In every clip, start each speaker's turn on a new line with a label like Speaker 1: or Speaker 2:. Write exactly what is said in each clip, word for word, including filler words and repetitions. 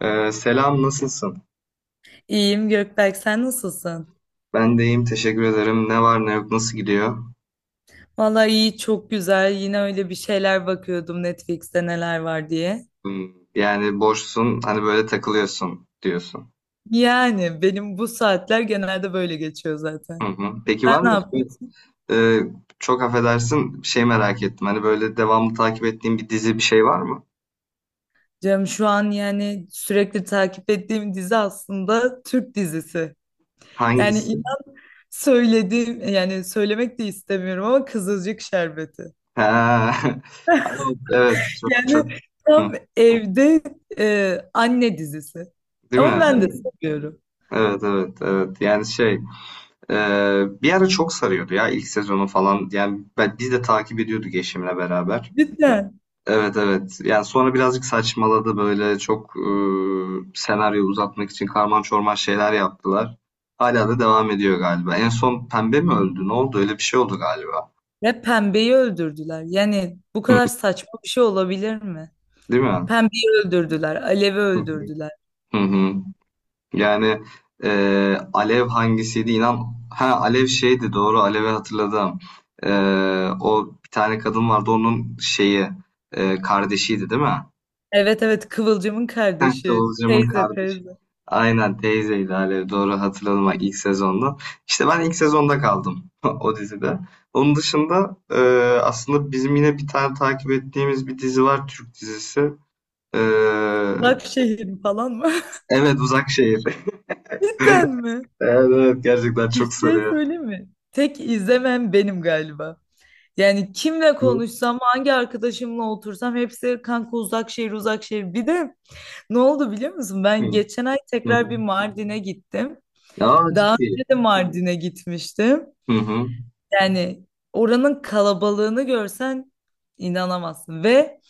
Speaker 1: Ee, selam, nasılsın?
Speaker 2: İyiyim Gökberk, sen nasılsın?
Speaker 1: Ben de iyiyim, teşekkür ederim. Ne var ne yok, nasıl gidiyor?
Speaker 2: Vallahi iyi, çok güzel. Yine öyle bir şeyler bakıyordum Netflix'te neler var diye.
Speaker 1: Hmm, yani boşsun, hani böyle takılıyorsun diyorsun.
Speaker 2: Yani benim bu saatler genelde böyle geçiyor
Speaker 1: Hı
Speaker 2: zaten.
Speaker 1: hı. Peki
Speaker 2: Sen
Speaker 1: var
Speaker 2: ne
Speaker 1: mı hiç böyle-
Speaker 2: yapıyorsun?
Speaker 1: Ee, Çok affedersin, bir şey merak ettim. Hani böyle devamlı takip ettiğin bir dizi bir şey var mı?
Speaker 2: Canım şu an yani sürekli takip ettiğim dizi aslında Türk dizisi. Yani
Speaker 1: Hangisi?
Speaker 2: inan söylediğim yani söylemek de istemiyorum ama Kızılcık Şerbeti.
Speaker 1: Ha. Ama evet, çok çok.
Speaker 2: Yani
Speaker 1: Hı.
Speaker 2: tam evde e, anne dizisi.
Speaker 1: Değil
Speaker 2: Ama
Speaker 1: mi?
Speaker 2: ben de seviyorum.
Speaker 1: Evet evet evet, yani şey, e, bir ara çok sarıyordu ya ilk sezonu falan, yani ben, biz de takip ediyorduk eşimle beraber.
Speaker 2: Cidden.
Speaker 1: Evet evet. Yani sonra birazcık saçmaladı böyle çok, e, senaryoyu uzatmak için karman çorman şeyler yaptılar. Hala da devam ediyor galiba. En son Pembe mi öldü? Ne oldu? Öyle bir şey oldu galiba.
Speaker 2: Ve pembeyi öldürdüler. Yani bu
Speaker 1: Hı.
Speaker 2: kadar saçma bir şey olabilir mi?
Speaker 1: Değil mi?
Speaker 2: Pembeyi öldürdüler. Alev'i
Speaker 1: Hı hı.
Speaker 2: öldürdüler.
Speaker 1: Hı hı. Yani e, Alev hangisiydi? İnan, ha Alev şeydi, doğru, Alev'i hatırladım. E, O bir tane kadın vardı, onun şeyi, e, kardeşiydi değil mi?
Speaker 2: Evet evet Kıvılcım'ın
Speaker 1: Ha,
Speaker 2: kardeşi.
Speaker 1: Kıvılcım'ın
Speaker 2: Teyze
Speaker 1: kardeşi.
Speaker 2: teyze.
Speaker 1: Aynen teyzeydi Alev, doğru hatırladım bak, ilk sezonda. İşte ben ilk sezonda kaldım o dizide. Onun dışında, e, aslında bizim yine bir tane takip ettiğimiz bir dizi var, Türk dizisi. E,
Speaker 2: Başşehir falan mı?
Speaker 1: evet, Uzak Şehir.
Speaker 2: Cidden mi?
Speaker 1: Evet, evet, gerçekten
Speaker 2: Bir
Speaker 1: çok
Speaker 2: şey
Speaker 1: sarıyor.
Speaker 2: söyleyeyim mi? Tek izlemem benim galiba. Yani kimle
Speaker 1: Hı,
Speaker 2: konuşsam, hangi arkadaşımla otursam hepsi kanka Uzakşehir Uzakşehir. Bir de Ne oldu biliyor musun?
Speaker 1: hı,
Speaker 2: Ben geçen ay
Speaker 1: hı.
Speaker 2: tekrar bir Mardin'e gittim.
Speaker 1: Ya
Speaker 2: Daha
Speaker 1: ciddi.
Speaker 2: önce de Mardin'e gitmiştim.
Speaker 1: Hı hı.
Speaker 2: Yani oranın kalabalığını görsen inanamazsın. Ve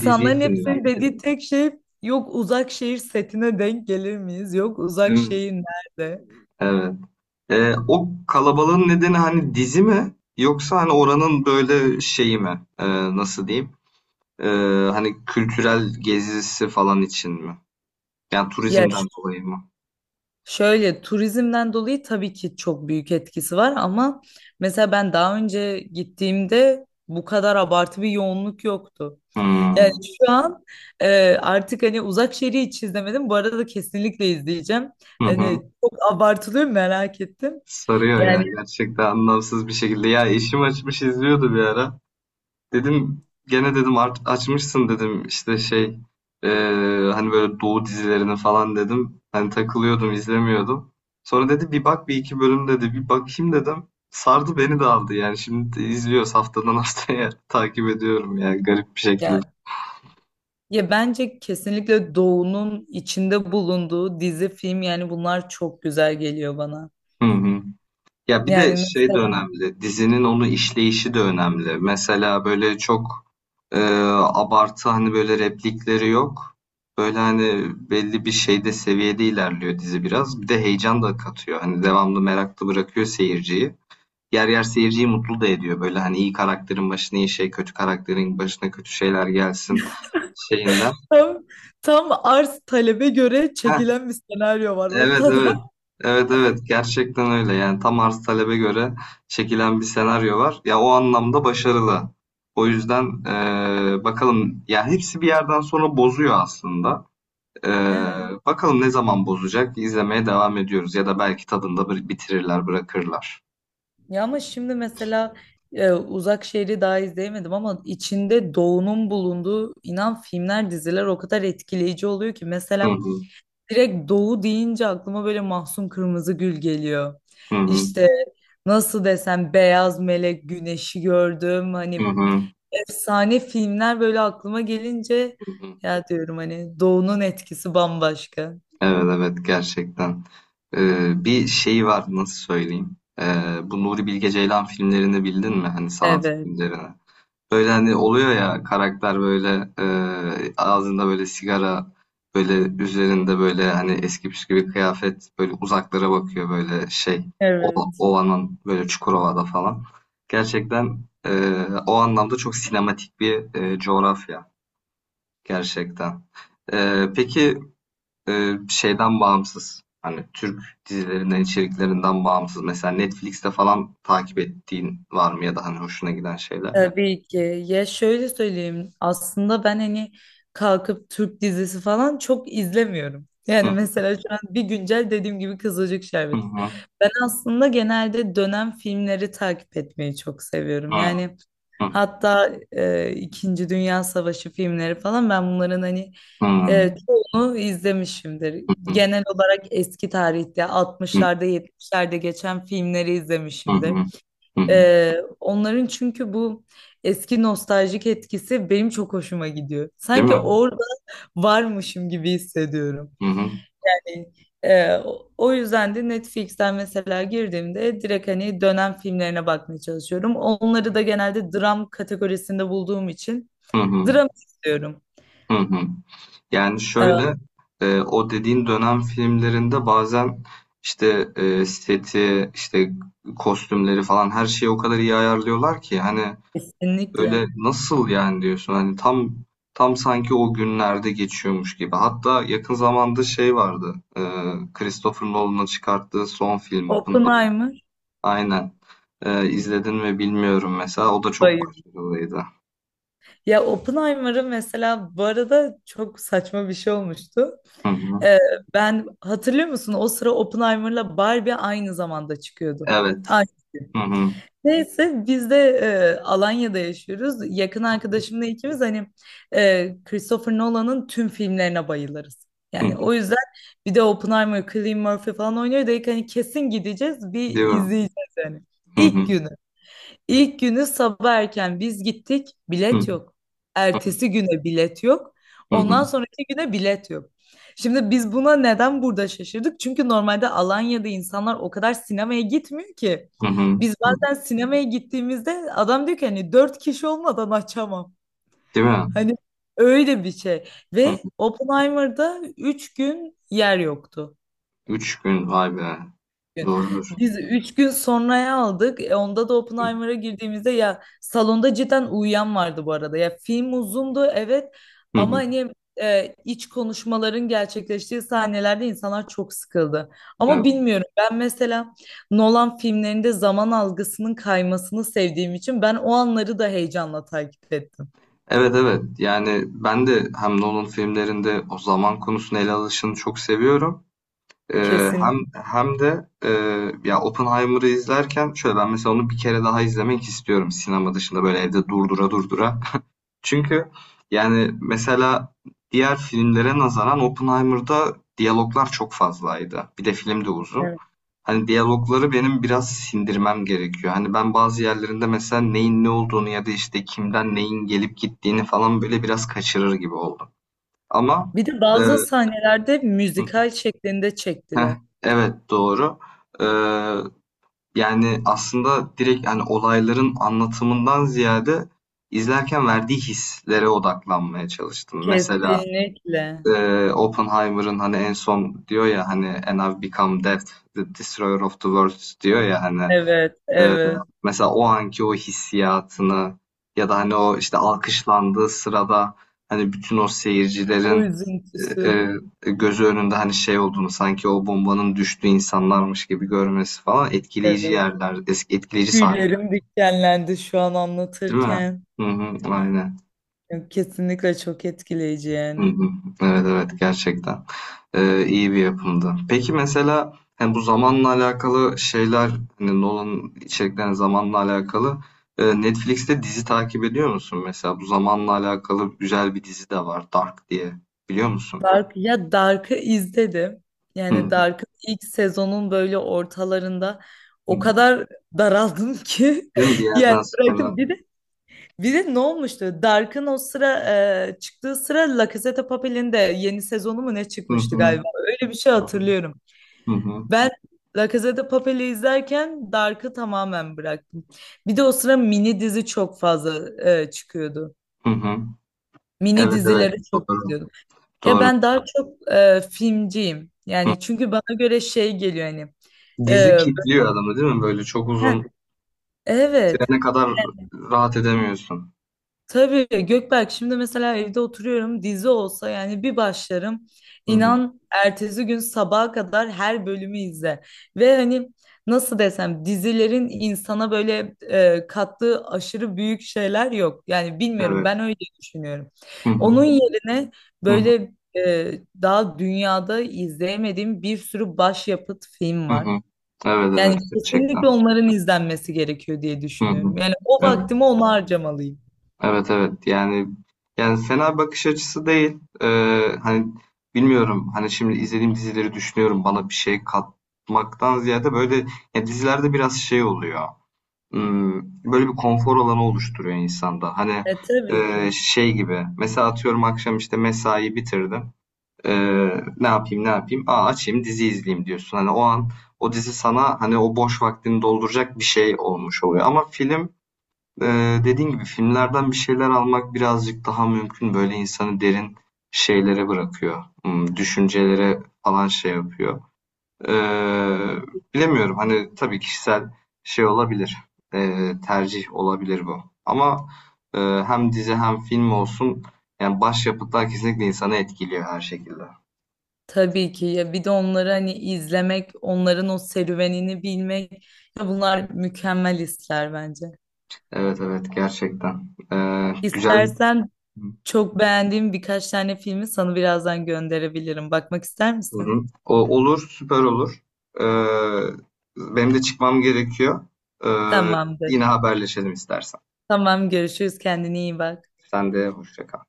Speaker 1: Dizi için ya.
Speaker 2: hepsinin dediği tek şey yok Uzak Şehir setine denk gelir miyiz? Yok
Speaker 1: Değil
Speaker 2: Uzak
Speaker 1: mi?
Speaker 2: Şehir nerede?
Speaker 1: Evet. Ee, o kalabalığın nedeni hani dizi mi? Yoksa hani oranın böyle şeyi mi? Ee, nasıl diyeyim? Ee, Hani kültürel gezisi falan için mi? Yani
Speaker 2: Ya ş-
Speaker 1: turizmden dolayı mı?
Speaker 2: şöyle turizmden dolayı tabii ki çok büyük etkisi var ama mesela ben daha önce gittiğimde bu kadar abartı bir yoğunluk yoktu. Yani
Speaker 1: Hmm.
Speaker 2: şu an e, artık hani Uzak Şehir'i hiç izlemedim. Bu arada kesinlikle izleyeceğim.
Speaker 1: Hı hı.
Speaker 2: Hani çok abartılıyor mu merak ettim.
Speaker 1: Sarıyor ya,
Speaker 2: Yani
Speaker 1: gerçekten anlamsız bir şekilde. Ya eşim açmış izliyordu bir ara. Dedim, gene dedim, art- açmışsın dedim, işte şey, eee, hani böyle Doğu dizilerini falan dedim. Hani takılıyordum, izlemiyordum. Sonra dedi bir bak bir iki bölüm, dedi bir bakayım dedim. Sardı, beni de aldı yani, şimdi de izliyoruz haftadan haftaya takip ediyorum yani, garip bir şekilde.
Speaker 2: ya, ya bence kesinlikle Doğu'nun içinde bulunduğu dizi, film yani bunlar çok güzel geliyor bana.
Speaker 1: Hı hı. Ya bir de
Speaker 2: Yani
Speaker 1: şey de
Speaker 2: mesela
Speaker 1: önemli, dizinin onu işleyişi de önemli. Mesela böyle çok, Ee, abartı hani böyle replikleri yok. Böyle hani belli bir şeyde, seviyede ilerliyor dizi biraz. Bir de heyecan da katıyor. Hani devamlı meraklı bırakıyor seyirciyi. Yer yer seyirciyi mutlu da ediyor. Böyle hani iyi karakterin başına iyi şey, kötü karakterin başına kötü şeyler gelsin şeyinden.
Speaker 2: tam, tam arz talebe göre
Speaker 1: Heh,
Speaker 2: çekilen bir senaryo var
Speaker 1: evet evet.
Speaker 2: ortada.
Speaker 1: Evet evet, gerçekten öyle. Yani tam arz talebe göre çekilen bir senaryo var. Ya o anlamda başarılı. O yüzden eee, bakalım ya, hepsi bir yerden sonra bozuyor aslında. Ee,
Speaker 2: Evet.
Speaker 1: Bakalım ne zaman bozacak? İzlemeye devam ediyoruz, ya da belki tadında bir bitirirler, bırakırlar.
Speaker 2: Ya ama şimdi mesela e, Uzak Şehri daha izleyemedim ama içinde Doğu'nun bulunduğu inan filmler, diziler o kadar etkileyici oluyor ki
Speaker 1: Hı
Speaker 2: mesela
Speaker 1: hı,
Speaker 2: direkt Doğu deyince aklıma böyle Mahsun Kırmızıgül geliyor.
Speaker 1: hı hı,
Speaker 2: İşte nasıl desem Beyaz Melek, Güneşi gördüm
Speaker 1: hı
Speaker 2: hani
Speaker 1: hı,
Speaker 2: efsane filmler böyle aklıma gelince
Speaker 1: hı hı.
Speaker 2: ya diyorum hani Doğu'nun etkisi bambaşka.
Speaker 1: Evet evet, gerçekten. Ee, bir şey var, nasıl söyleyeyim? Ee, bu Nuri Bilge Ceylan filmlerini bildin mi? Hani sanat
Speaker 2: Evet.
Speaker 1: filmlerini. Böyle hani oluyor ya karakter böyle, e, ağzında böyle sigara, böyle üzerinde böyle hani eski püskü bir kıyafet, böyle uzaklara bakıyor böyle şey, o,
Speaker 2: Evet.
Speaker 1: Ova'nın böyle, Çukurova'da falan. Gerçekten e, o anlamda çok sinematik bir e, coğrafya gerçekten. E, peki e, şeyden bağımsız, hani Türk dizilerinden, içeriklerinden bağımsız mesela Netflix'te falan takip ettiğin var mı, ya da hani hoşuna giden şeyler?
Speaker 2: Tabii ki. Ya şöyle söyleyeyim. Aslında ben hani kalkıp Türk dizisi falan çok izlemiyorum.
Speaker 1: Hı
Speaker 2: Yani mesela şu an bir güncel dediğim gibi Kızılcık
Speaker 1: hı
Speaker 2: Şerbeti.
Speaker 1: hı.
Speaker 2: Ben aslında genelde dönem filmleri takip etmeyi çok seviyorum. Yani
Speaker 1: Hı hı,
Speaker 2: hatta e, İkinci Dünya Savaşı filmleri falan ben bunların hani
Speaker 1: hı hı,
Speaker 2: e, çoğunu izlemişimdir. Genel olarak eski tarihte
Speaker 1: hı
Speaker 2: altmışlarda yetmişlerde geçen filmleri
Speaker 1: hı,
Speaker 2: izlemişimdir.
Speaker 1: hı.
Speaker 2: Ee, onların çünkü bu eski nostaljik etkisi benim çok hoşuma gidiyor.
Speaker 1: Değil
Speaker 2: Sanki
Speaker 1: mi?
Speaker 2: orada varmışım gibi hissediyorum.
Speaker 1: Hı hı,
Speaker 2: Yani e, o o yüzden de Netflix'ten mesela girdiğimde direkt hani dönem filmlerine bakmaya çalışıyorum. Onları da genelde dram kategorisinde bulduğum için
Speaker 1: hı hı,
Speaker 2: dram istiyorum.
Speaker 1: hı hı. Yani
Speaker 2: Ee,
Speaker 1: şöyle, e, o dediğin dönem filmlerinde bazen işte, e, seti, işte kostümleri falan, her şeyi o kadar iyi ayarlıyorlar ki hani,
Speaker 2: kesinlikle.
Speaker 1: öyle nasıl yani diyorsun, hani tam tam sanki o günlerde geçiyormuş gibi. Hatta yakın zamanda şey vardı, e, Christopher Nolan'ın çıkarttığı son film.
Speaker 2: Oppenheimer.
Speaker 1: Aynen. Ee, izledin mi bilmiyorum mesela. O da çok
Speaker 2: Hayır.
Speaker 1: başarılıydı.
Speaker 2: Ya Oppenheimer'ı mesela bu arada çok saçma bir şey olmuştu.
Speaker 1: Hı hı.
Speaker 2: Ee, ben hatırlıyor musun? O sıra Oppenheimer'la Barbie aynı zamanda çıkıyordu.
Speaker 1: Evet.
Speaker 2: Aynı gün.
Speaker 1: Hı hı.
Speaker 2: Neyse biz de e, Alanya'da yaşıyoruz. Yakın arkadaşımla ikimiz hani e, Christopher Nolan'ın tüm filmlerine bayılırız.
Speaker 1: Hı hı.
Speaker 2: Yani o yüzden bir de Oppenheimer, Cillian Murphy falan oynuyor dedik hani kesin gideceğiz bir
Speaker 1: Değil mi?
Speaker 2: izleyeceğiz yani.
Speaker 1: Hı
Speaker 2: İlk
Speaker 1: hı.
Speaker 2: günü. İlk günü sabah erken biz gittik,
Speaker 1: Hı hı.
Speaker 2: bilet yok. Ertesi güne bilet yok. Ondan sonraki güne bilet yok. Şimdi biz buna neden burada şaşırdık? Çünkü normalde Alanya'da insanlar o kadar sinemaya gitmiyor ki.
Speaker 1: Hı hı.
Speaker 2: Biz
Speaker 1: Hı hı.
Speaker 2: bazen sinemaya gittiğimizde adam diyor ki hani dört kişi olmadan açamam.
Speaker 1: Değil mi?
Speaker 2: Hani öyle bir şey.
Speaker 1: Hı
Speaker 2: Ve
Speaker 1: hı.
Speaker 2: Oppenheimer'da üç gün yer yoktu
Speaker 1: Üç gün vay be.
Speaker 2: gün.
Speaker 1: Doğrudur.
Speaker 2: Biz üç gün sonraya aldık. E, onda da Oppenheimer'a girdiğimizde ya salonda cidden uyuyan vardı bu arada. Ya film uzundu evet
Speaker 1: Hı
Speaker 2: ama
Speaker 1: hı.
Speaker 2: hani e, iç konuşmaların gerçekleştiği sahnelerde insanlar çok sıkıldı.
Speaker 1: Evet.
Speaker 2: Ama bilmiyorum ben mesela Nolan filmlerinde zaman algısının kaymasını sevdiğim için ben o anları da heyecanla takip ettim.
Speaker 1: Evet evet. Yani ben de hem Nolan filmlerinde o zaman konusunu ele alışını çok seviyorum. Ee,
Speaker 2: Kesin.
Speaker 1: hem hem de e, ya Oppenheimer'ı izlerken şöyle, ben mesela onu bir kere daha izlemek istiyorum sinema dışında, böyle evde durdura durdura. Çünkü yani, mesela diğer filmlere nazaran Oppenheimer'da diyaloglar çok fazlaydı. Bir de film de uzun.
Speaker 2: Evet.
Speaker 1: Hani diyalogları benim biraz sindirmem gerekiyor. Hani ben bazı yerlerinde mesela neyin ne olduğunu, ya da işte kimden neyin gelip gittiğini falan böyle biraz kaçırır gibi oldum. Ama
Speaker 2: Bir de
Speaker 1: e,
Speaker 2: bazı sahnelerde müzikal şeklinde
Speaker 1: heh,
Speaker 2: çektiler.
Speaker 1: evet doğru. E, Yani aslında direkt hani olayların anlatımından ziyade, izlerken verdiği hislere odaklanmaya çalıştım. Mesela
Speaker 2: Kesinlikle.
Speaker 1: Ee, Oppenheimer'ın hani en son diyor ya hani, "And I've become death, the destroyer of the world" diyor ya hani,
Speaker 2: Evet,
Speaker 1: e,
Speaker 2: evet.
Speaker 1: mesela o anki o hissiyatını, ya da hani o işte alkışlandığı sırada hani bütün o
Speaker 2: O
Speaker 1: seyircilerin e,
Speaker 2: üzüntüsü.
Speaker 1: e, gözü önünde, hani şey olduğunu, sanki o bombanın düştüğü insanlarmış gibi görmesi falan, etkileyici
Speaker 2: Evet.
Speaker 1: yerler, eski etkileyici sahneler
Speaker 2: Tüylerim dikenlendi şu an
Speaker 1: değil mi?
Speaker 2: anlatırken.
Speaker 1: Hı hı, aynen.
Speaker 2: Ya, kesinlikle çok etkileyici
Speaker 1: Hı
Speaker 2: yani.
Speaker 1: hı. Evet evet gerçekten. Ee, iyi bir yapımdı. Peki mesela hani bu zamanla alakalı şeyler, hani Nolan'ın içeriklerine zamanla alakalı, e, Netflix'te dizi takip ediyor musun mesela? Bu zamanla alakalı güzel bir dizi de var, Dark diye, biliyor musun?
Speaker 2: Dark, ya Dark'ı izledim.
Speaker 1: Hı
Speaker 2: Yani
Speaker 1: hı.
Speaker 2: Dark'ın ilk sezonun böyle ortalarında
Speaker 1: Hı.
Speaker 2: o kadar daraldım ki
Speaker 1: Değil mi bir
Speaker 2: yani
Speaker 1: yerden sonra?
Speaker 2: bıraktım. Bir de, bir de ne olmuştu? Dark'ın o sıra e, çıktığı sıra La Casa de Papel'in de yeni sezonu mu ne
Speaker 1: Hı
Speaker 2: çıkmıştı
Speaker 1: hı.
Speaker 2: galiba? Öyle bir şey hatırlıyorum.
Speaker 1: Hı hı.
Speaker 2: Ben La Casa de Papel'i izlerken Dark'ı tamamen bıraktım. Bir de o sıra mini dizi çok fazla e, çıkıyordu.
Speaker 1: Hı hı.
Speaker 2: Mini
Speaker 1: Evet evet,
Speaker 2: dizileri çok
Speaker 1: doğru
Speaker 2: izliyordum. Ya
Speaker 1: doğru.
Speaker 2: ben daha çok e, filmciyim.
Speaker 1: Hı.
Speaker 2: Yani çünkü bana göre şey geliyor hani.
Speaker 1: Dizi
Speaker 2: e,
Speaker 1: kitliyor adamı değil mi? Böyle çok uzun
Speaker 2: ben- evet.
Speaker 1: sürene kadar rahat edemiyorsun.
Speaker 2: Tabii Gökberk şimdi mesela evde oturuyorum dizi olsa yani bir başlarım
Speaker 1: Hı hı.
Speaker 2: inan ertesi gün sabaha kadar her bölümü izle ve hani nasıl desem dizilerin insana böyle e, kattığı aşırı büyük şeyler yok yani bilmiyorum
Speaker 1: Evet.
Speaker 2: ben öyle düşünüyorum.
Speaker 1: Hı hı.
Speaker 2: Onun yerine
Speaker 1: Hı hı.
Speaker 2: böyle e, daha dünyada izleyemediğim bir sürü başyapıt film
Speaker 1: Hı
Speaker 2: var.
Speaker 1: hı. Evet, evet
Speaker 2: Yani
Speaker 1: gerçekten.
Speaker 2: kesinlikle onların izlenmesi gerekiyor diye
Speaker 1: Hı hı.
Speaker 2: düşünüyorum. Yani o
Speaker 1: Evet.
Speaker 2: vaktimi ona harcamalıyım.
Speaker 1: Evet, evet. Yani yani fena bakış açısı değil. Ee, hani bilmiyorum. Hani şimdi izlediğim dizileri düşünüyorum, bana bir şey katmaktan ziyade böyle, ya dizilerde biraz şey oluyor. Hmm, böyle bir konfor alanı oluşturuyor insanda. Hani
Speaker 2: E tabii
Speaker 1: e,
Speaker 2: ki.
Speaker 1: şey gibi. Mesela atıyorum akşam işte mesai bitirdim. Eee, ne yapayım ne yapayım? Aa açayım dizi izleyeyim diyorsun. Hani o an o dizi sana hani o boş vaktini dolduracak bir şey olmuş oluyor. Ama film eee dediğin gibi filmlerden bir şeyler almak birazcık daha mümkün. Böyle insanı derin şeylere bırakıyor. Hmm, düşüncelere falan şey yapıyor. Eee, Bilemiyorum hani, tabii kişisel şey olabilir. Eee, tercih olabilir bu. Ama eee, hem dizi hem film olsun, yani başyapıtlar kesinlikle insanı etkiliyor her şekilde.
Speaker 2: Tabii ki ya bir de onları hani izlemek, onların o serüvenini bilmek ya bunlar mükemmel hisler bence.
Speaker 1: Evet evet, gerçekten. Ee, güzel.
Speaker 2: İstersen
Speaker 1: Hı
Speaker 2: çok beğendiğim birkaç tane filmi sana birazdan gönderebilirim. Bakmak ister misin?
Speaker 1: hı. O, olur, süper olur. Ee, Benim de çıkmam gerekiyor. Ee,
Speaker 2: Tamamdır.
Speaker 1: Yine haberleşelim istersen.
Speaker 2: Tamam görüşürüz kendine iyi bak.
Speaker 1: Sen de hoşça kal.